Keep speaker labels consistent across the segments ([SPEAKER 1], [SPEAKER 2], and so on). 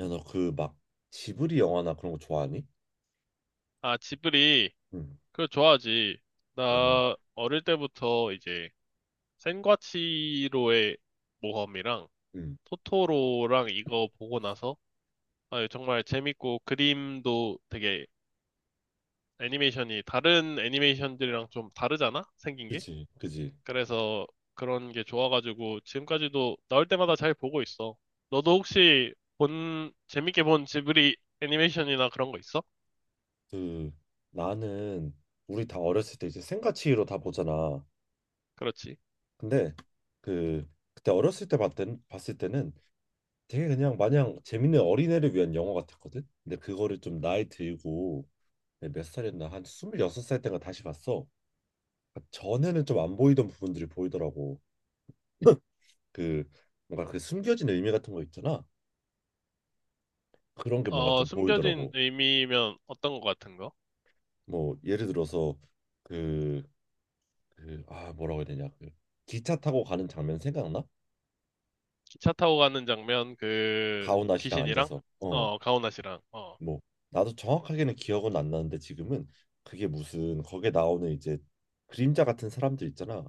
[SPEAKER 1] 야, 너 그 막 지브리 영화나 그런 거 좋아하니?
[SPEAKER 2] 아, 지브리.
[SPEAKER 1] 응.
[SPEAKER 2] 그거 좋아하지.
[SPEAKER 1] 어,
[SPEAKER 2] 나 어릴 때부터 이제 센과치로의 모험이랑
[SPEAKER 1] 응.
[SPEAKER 2] 토토로랑 이거 보고 나서 아, 정말 재밌고 그림도 되게 애니메이션이 다른 애니메이션들이랑 좀 다르잖아? 생긴 게?
[SPEAKER 1] 그지, 그지.
[SPEAKER 2] 그래서 그런 게 좋아가지고 지금까지도 나올 때마다 잘 보고 있어. 너도 혹시 재밌게 본 지브리 애니메이션이나 그런 거 있어?
[SPEAKER 1] 그 나는 우리 다 어렸을 때 이제 생가치로 다 보잖아.
[SPEAKER 2] 그렇지.
[SPEAKER 1] 근데 그 그때 어렸을 때 봤던 봤을 때는 되게 그냥 마냥 재밌는 어린애를 위한 영화 같았거든. 근데 그거를 좀 나이 들고 내가 몇 살이었나 한 26살 때가 다시 봤어. 그러니까 전에는 좀 안 보이던 부분들이 보이더라고. 그 뭔가 그 숨겨진 의미 같은 거 있잖아. 그런 게 뭔가
[SPEAKER 2] 어,
[SPEAKER 1] 좀
[SPEAKER 2] 숨겨진
[SPEAKER 1] 보이더라고.
[SPEAKER 2] 의미면 어떤 거 같은 거?
[SPEAKER 1] 뭐 예를 들어서 그, 그, 아 뭐라고 해야 되냐 그 기차 타고 가는 장면 생각나?
[SPEAKER 2] 차 타고 가는 장면, 그,
[SPEAKER 1] 가오나 씨랑
[SPEAKER 2] 귀신이랑,
[SPEAKER 1] 앉아서 어,
[SPEAKER 2] 어, 가오나 씨랑, 어,
[SPEAKER 1] 뭐 나도 정확하게는 기억은 안 나는데 지금은 그게 무슨 거기에 나오는 이제 그림자 같은 사람들 있잖아.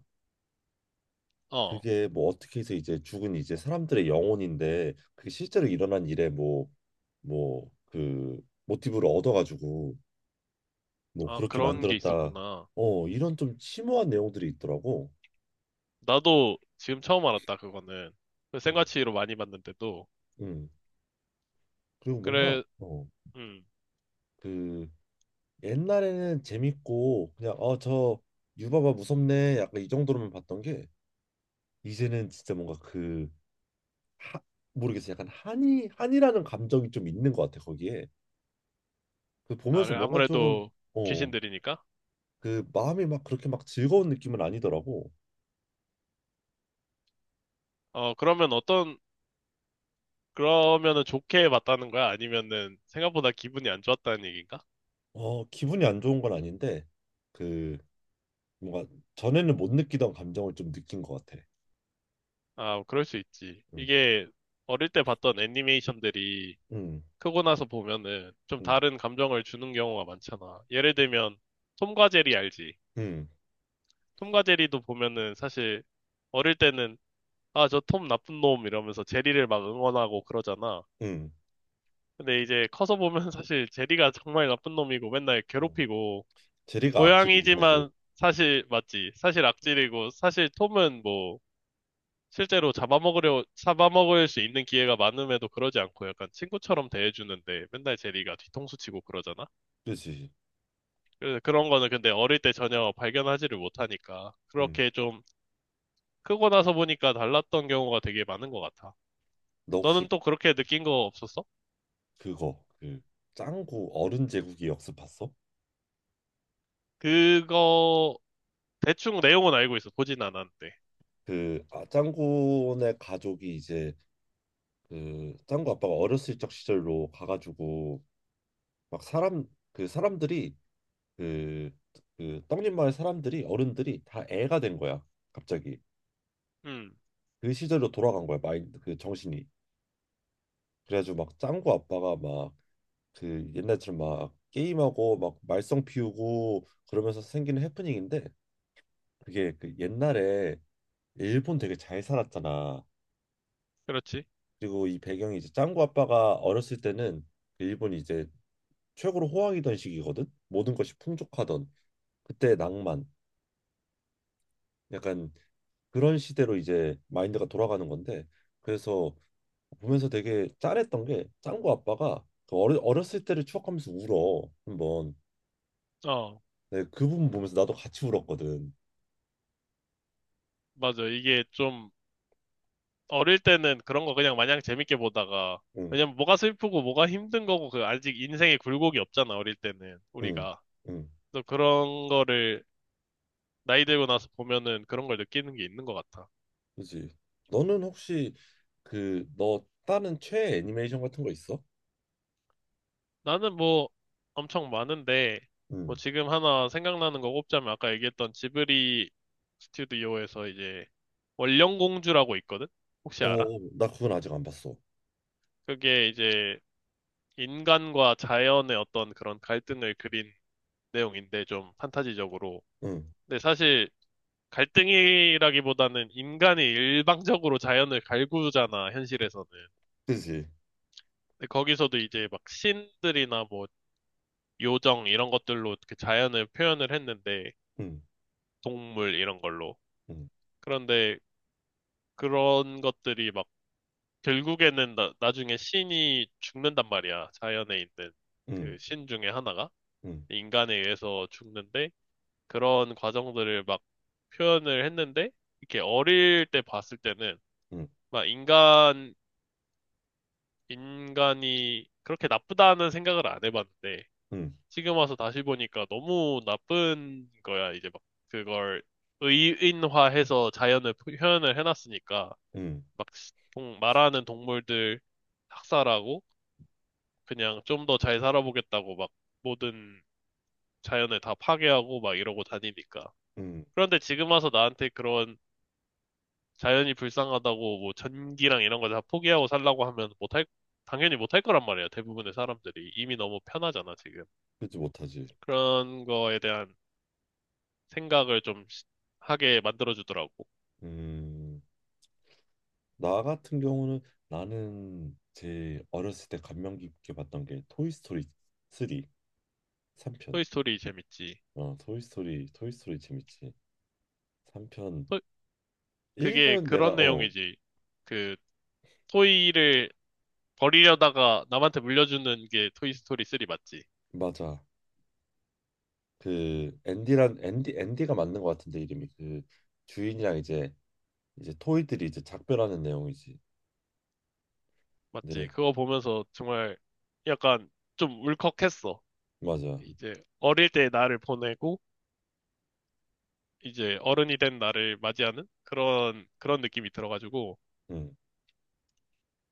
[SPEAKER 2] 어,
[SPEAKER 1] 그게 뭐 어떻게 해서 이제 죽은 이제 사람들의 영혼인데 그게 실제로 일어난 일에 뭐 그 모티브를 얻어가지고 뭐
[SPEAKER 2] 아,
[SPEAKER 1] 그렇게
[SPEAKER 2] 그런 게
[SPEAKER 1] 만들었다.
[SPEAKER 2] 있었구나.
[SPEAKER 1] 어, 이런 좀 심오한 내용들이 있더라고.
[SPEAKER 2] 나도 지금 처음 알았다, 그거는. 그
[SPEAKER 1] 음,
[SPEAKER 2] 생과치로 많이 봤는데도.
[SPEAKER 1] 음. 그리고 뭔가
[SPEAKER 2] 그래,
[SPEAKER 1] 어,
[SPEAKER 2] 음,
[SPEAKER 1] 그 옛날에는 재밌고 그냥 어, 저 유바바 무섭네 약간 이 정도로만 봤던 게 이제는 진짜 뭔가 그 하, 모르겠어. 약간 한이라는 감정이 좀 있는 것 같아 거기에. 그
[SPEAKER 2] 아,
[SPEAKER 1] 보면서
[SPEAKER 2] 그래,
[SPEAKER 1] 뭔가 조금
[SPEAKER 2] 아무래도
[SPEAKER 1] 어,
[SPEAKER 2] 귀신들이니까?
[SPEAKER 1] 그 마음이 막 그렇게 막 즐거운 느낌은 아니더라고.
[SPEAKER 2] 어, 그러면 어떤, 그러면은 좋게 봤다는 거야? 아니면은 생각보다 기분이 안 좋았다는 얘기인가?
[SPEAKER 1] 어, 기분이 안 좋은 건 아닌데 그 뭔가 전에는 못 느끼던 감정을 좀 느낀 것 같아.
[SPEAKER 2] 아, 그럴 수 있지.
[SPEAKER 1] 음.
[SPEAKER 2] 이게 어릴 때 봤던 애니메이션들이
[SPEAKER 1] 음.
[SPEAKER 2] 크고 나서 보면은 좀
[SPEAKER 1] 음.
[SPEAKER 2] 다른 감정을 주는 경우가 많잖아. 예를 들면 톰과 제리 알지?
[SPEAKER 1] 음.
[SPEAKER 2] 톰과 제리도 보면은 사실 어릴 때는 아, 저 톰 나쁜 놈 이러면서 제리를 막 응원하고 그러잖아.
[SPEAKER 1] 음.
[SPEAKER 2] 근데 이제 커서 보면 사실 제리가 정말 나쁜 놈이고 맨날
[SPEAKER 1] 음.
[SPEAKER 2] 괴롭히고
[SPEAKER 1] 제리가 악질이지 사실.
[SPEAKER 2] 고양이지만 사실 맞지? 사실 악질이고 사실 톰은 뭐 실제로 잡아먹으려 잡아먹을 수 있는 기회가 많음에도 그러지 않고 약간 친구처럼 대해주는데 맨날 제리가 뒤통수 치고 그러잖아.
[SPEAKER 1] 그렇지.
[SPEAKER 2] 그래서 그런 거는 근데 어릴 때 전혀 발견하지를 못하니까
[SPEAKER 1] 음.
[SPEAKER 2] 그렇게 좀 크고 나서 보니까 달랐던 경우가 되게 많은 것 같아.
[SPEAKER 1] 너 혹시
[SPEAKER 2] 너는 또 그렇게 느낀 거 없었어?
[SPEAKER 1] 그거 그 짱구 어른 제국이 역습 봤어?
[SPEAKER 2] 그거 대충 내용은 알고 있어. 보진 않았는데.
[SPEAKER 1] 그 아, 짱구네 가족이 이제 그 짱구 아빠가 어렸을 적 시절로 가가지고 막 사람 그 사람들이 그 떡잎 마을 사람들이 어른들이 다 애가 된 거야 갑자기.
[SPEAKER 2] 음,
[SPEAKER 1] 그 시절로 돌아간 거야 마인드 그 정신이. 그래가지고 막 짱구 아빠가 막 그 옛날처럼 막 게임하고 막 말썽 피우고 그러면서 생기는 해프닝인데 그게 그 옛날에 일본 되게 잘 살았잖아.
[SPEAKER 2] 그렇지.
[SPEAKER 1] 그리고 이 배경이 이제 짱구 아빠가 어렸을 때는 그 일본이 이제 최고로 호황이던 시기거든. 모든 것이 풍족하던 그때의 낭만. 약간 그런 시대로 이제 마인드가 돌아가는 건데 그래서 보면서 되게 짠했던 게 짱구 아빠가 그 어렸을 때를 추억하면서 울어 한번.
[SPEAKER 2] 어,
[SPEAKER 1] 네, 그 부분 보면서 나도 같이 울었거든.
[SPEAKER 2] 맞아. 이게 좀 어릴 때는 그런 거 그냥 마냥 재밌게 보다가
[SPEAKER 1] 응,
[SPEAKER 2] 왜냐면 뭐가 슬프고 뭐가 힘든 거고 그 아직 인생의 굴곡이 없잖아. 어릴 때는
[SPEAKER 1] 응,
[SPEAKER 2] 우리가.
[SPEAKER 1] 응.
[SPEAKER 2] 또 그런 거를 나이 들고 나서 보면은 그런 걸 느끼는 게 있는 것 같아.
[SPEAKER 1] 그지. 너는 혹시 그 너 다른 최애 애니메이션 같은 거 있어?
[SPEAKER 2] 나는 뭐 엄청 많은데, 뭐
[SPEAKER 1] 응.
[SPEAKER 2] 지금 하나 생각나는 거 꼽자면 아까 얘기했던 지브리 스튜디오에서 이제 원령공주라고 있거든? 혹시 알아?
[SPEAKER 1] 어, 나 그건 아직 안 봤어.
[SPEAKER 2] 그게 이제 인간과 자연의 어떤 그런 갈등을 그린 내용인데 좀 판타지적으로.
[SPEAKER 1] 응.
[SPEAKER 2] 근데 사실 갈등이라기보다는 인간이 일방적으로 자연을 갈구잖아, 현실에서는.
[SPEAKER 1] 그지?
[SPEAKER 2] 근데 거기서도 이제 막 신들이나 뭐 요정 이런 것들로 그 자연을 표현을 했는데
[SPEAKER 1] 응,
[SPEAKER 2] 동물 이런 걸로.
[SPEAKER 1] 응,
[SPEAKER 2] 그런데 그런 것들이 막 결국에는 나중에 신이 죽는단 말이야. 자연에 있는
[SPEAKER 1] 응,
[SPEAKER 2] 그 신 중에 하나가
[SPEAKER 1] 응,
[SPEAKER 2] 인간에 의해서 죽는데 그런 과정들을 막 표현을 했는데 이렇게 어릴 때 봤을 때는
[SPEAKER 1] 응,
[SPEAKER 2] 막 인간이 그렇게 나쁘다는 생각을 안 해봤는데
[SPEAKER 1] 응,
[SPEAKER 2] 지금 와서 다시 보니까 너무 나쁜 거야. 이제 막 그걸 의인화해서 자연을 표현을 해놨으니까.
[SPEAKER 1] 응,
[SPEAKER 2] 막 말하는 동물들 학살하고 그냥 좀 더 잘 살아보겠다고 막 모든 자연을 다 파괴하고 막 이러고 다니니까.
[SPEAKER 1] 응,
[SPEAKER 2] 그런데 지금 와서 나한테 그런 자연이 불쌍하다고 뭐 전기랑 이런 걸 다 포기하고 살라고 하면 당연히 못할 거란 말이야. 대부분의 사람들이. 이미 너무 편하잖아, 지금.
[SPEAKER 1] 그지 못하지.
[SPEAKER 2] 그런 거에 대한 생각을 좀 하게 만들어주더라고.
[SPEAKER 1] 음. 나 같은 경우는 나는 제 어렸을 때 감명 깊게 봤던 게 토이스토리 3, 삼편.
[SPEAKER 2] 토이스토리 재밌지.
[SPEAKER 1] 어, 토이스토리, 토이스토리 재밌지. 3편,
[SPEAKER 2] 토- 그게
[SPEAKER 1] 1편은 내가,
[SPEAKER 2] 그런
[SPEAKER 1] 어,
[SPEAKER 2] 내용이지. 그, 토이를 버리려다가 남한테 물려주는 게 토이스토리 3 맞지?
[SPEAKER 1] 맞아. 그, 앤디가 맞는 것 같은데, 이름이. 그, 주인이랑 이제 토이들이 이제 작별하는 내용이지.
[SPEAKER 2] 맞지?
[SPEAKER 1] 네,
[SPEAKER 2] 그거 보면서 정말 약간 좀 울컥했어.
[SPEAKER 1] 맞아.
[SPEAKER 2] 이제 어릴 때 나를 보내고 이제 어른이 된 나를 맞이하는 그런 그런 느낌이 들어가지고
[SPEAKER 1] 응.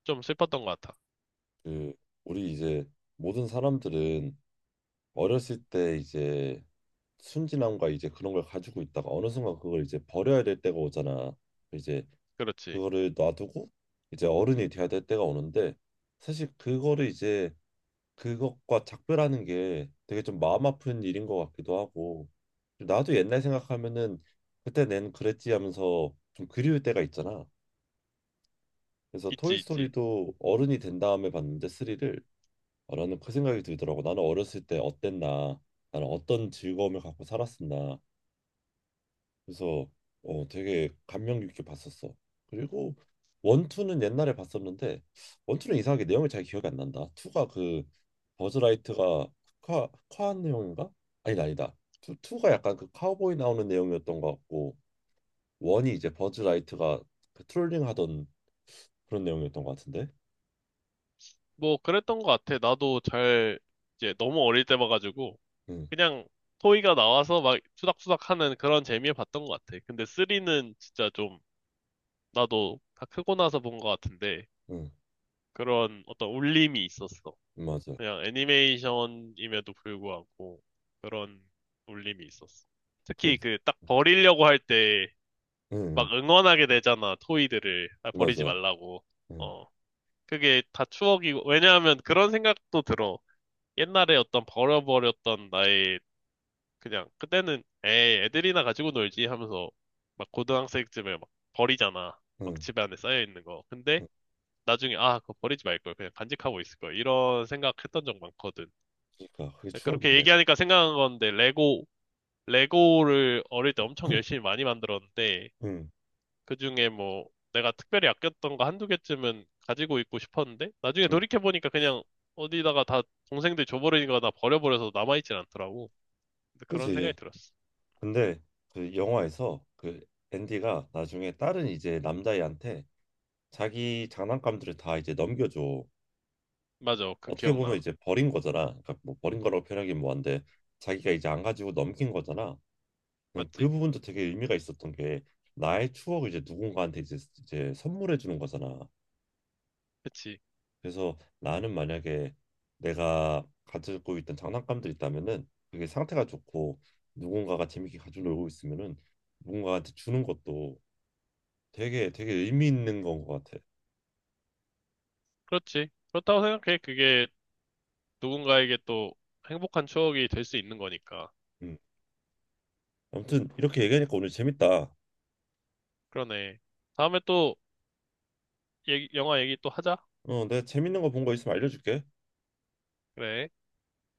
[SPEAKER 2] 좀 슬펐던 것 같아.
[SPEAKER 1] 그 우리 이제 모든 사람들은 어렸을 때 이제 순진함과 이제 그런 걸 가지고 있다가 어느 순간 그걸 이제 버려야 될 때가 오잖아. 이제
[SPEAKER 2] 그렇지.
[SPEAKER 1] 그거를 놔두고 이제 어른이 돼야 될 때가 오는데 사실 그거를 이제 그것과 작별하는 게 되게 좀 마음 아픈 일인 것 같기도 하고 나도 옛날 생각하면은 그때 낸 그랬지 하면서 좀 그리울 때가 있잖아. 그래서
[SPEAKER 2] 있지, 있지.
[SPEAKER 1] 토이스토리도 어른이 된 다음에 봤는데 3를 라는 그 생각이 들더라고. 나는 어렸을 때 어땠나? 나는 어떤 즐거움을 갖고 살았었나? 그래서 어, 되게 감명 깊게 봤었어. 그리고 원투는 옛날에 봤었는데 원투는 이상하게 내용이 잘 기억이 안 난다. 투가 그 버즈라이트가 카 카한 내용인가? 아니다 아니다. 투 투가 약간 그 카우보이 나오는 내용이었던 것 같고 원이 이제 버즈라이트가 그 트롤링 하던 그런 내용이었던 것 같은데.
[SPEAKER 2] 뭐 그랬던 것 같아. 나도 잘 이제 너무 어릴 때 봐가지고
[SPEAKER 1] 응,
[SPEAKER 2] 그냥 토이가 나와서 막 투닥투닥 하는 그런 재미에 봤던 것 같아. 근데 3는 진짜 좀 나도 다 크고 나서 본 것 같은데
[SPEAKER 1] 응,
[SPEAKER 2] 그런 어떤 울림이 있었어.
[SPEAKER 1] 맞아.
[SPEAKER 2] 그냥 애니메이션임에도 불구하고 그런 울림이 있었어.
[SPEAKER 1] 그,
[SPEAKER 2] 특히 그 딱
[SPEAKER 1] 응,
[SPEAKER 2] 버리려고 할 때
[SPEAKER 1] 응,
[SPEAKER 2] 막 응원하게 되잖아, 토이들을. 아, 버리지
[SPEAKER 1] 맞아.
[SPEAKER 2] 말라고.
[SPEAKER 1] 응,
[SPEAKER 2] 어. 그게 다 추억이고, 왜냐하면 그런 생각도 들어. 옛날에 어떤 버려버렸던 나의 그냥 그때는 에이, 애들이나 가지고 놀지 하면서 막 고등학생쯤에 막 버리잖아. 막
[SPEAKER 1] 응,
[SPEAKER 2] 집에 안에 쌓여 있는 거. 근데
[SPEAKER 1] 응.
[SPEAKER 2] 나중에 아 그거 버리지 말걸 그냥 간직하고 있을 걸 이런 생각했던 적 많거든.
[SPEAKER 1] 그러니까 그게
[SPEAKER 2] 그렇게
[SPEAKER 1] 추억인데.
[SPEAKER 2] 얘기하니까 생각난 건데 레고를 어릴 때 엄청 열심히 많이 만들었는데
[SPEAKER 1] 응,
[SPEAKER 2] 그중에 뭐 내가 특별히 아꼈던 거 한두 개쯤은 가지고 있고 싶었는데 나중에
[SPEAKER 1] 응.
[SPEAKER 2] 돌이켜 보니까 그냥 어디다가 다 동생들 줘버리니까 나 버려버려서 남아있진 않더라고. 근데 그런 생각이
[SPEAKER 1] 그지.
[SPEAKER 2] 들었어.
[SPEAKER 1] 근데 그 영화에서 그 앤디가 나중에 다른 이제 남자애한테 자기 장난감들을 다 이제 넘겨줘.
[SPEAKER 2] 맞아, 그
[SPEAKER 1] 어떻게 보면
[SPEAKER 2] 기억나.
[SPEAKER 1] 이제 버린 거잖아. 그러니까 뭐 버린 거라고 표현하긴 뭐한데 자기가 이제 안 가지고 넘긴 거잖아. 난그
[SPEAKER 2] 맞지?
[SPEAKER 1] 부분도 되게 의미가 있었던 게 나의 추억을 이제 누군가한테 이제 선물해 주는 거잖아.
[SPEAKER 2] 그치?
[SPEAKER 1] 그래서 나는 만약에 내가 가지고 있던 장난감들 있다면은 그게 상태가 좋고 누군가가 재밌게 가지고 놀고 있으면은 누군가한테 주는 것도 되게 되게 의미 있는 건 것 같아.
[SPEAKER 2] 그렇지. 그렇다고 생각해. 그게 누군가에게 또 행복한 추억이 될 수 있는 거니까.
[SPEAKER 1] 음. 아무튼 이렇게 얘기하니까 오늘 재밌다.
[SPEAKER 2] 그러네. 다음에 또 영화 얘기 또 하자.
[SPEAKER 1] 어, 내가 재밌는 거 본 거 있으면 알려줄게.
[SPEAKER 2] 그래.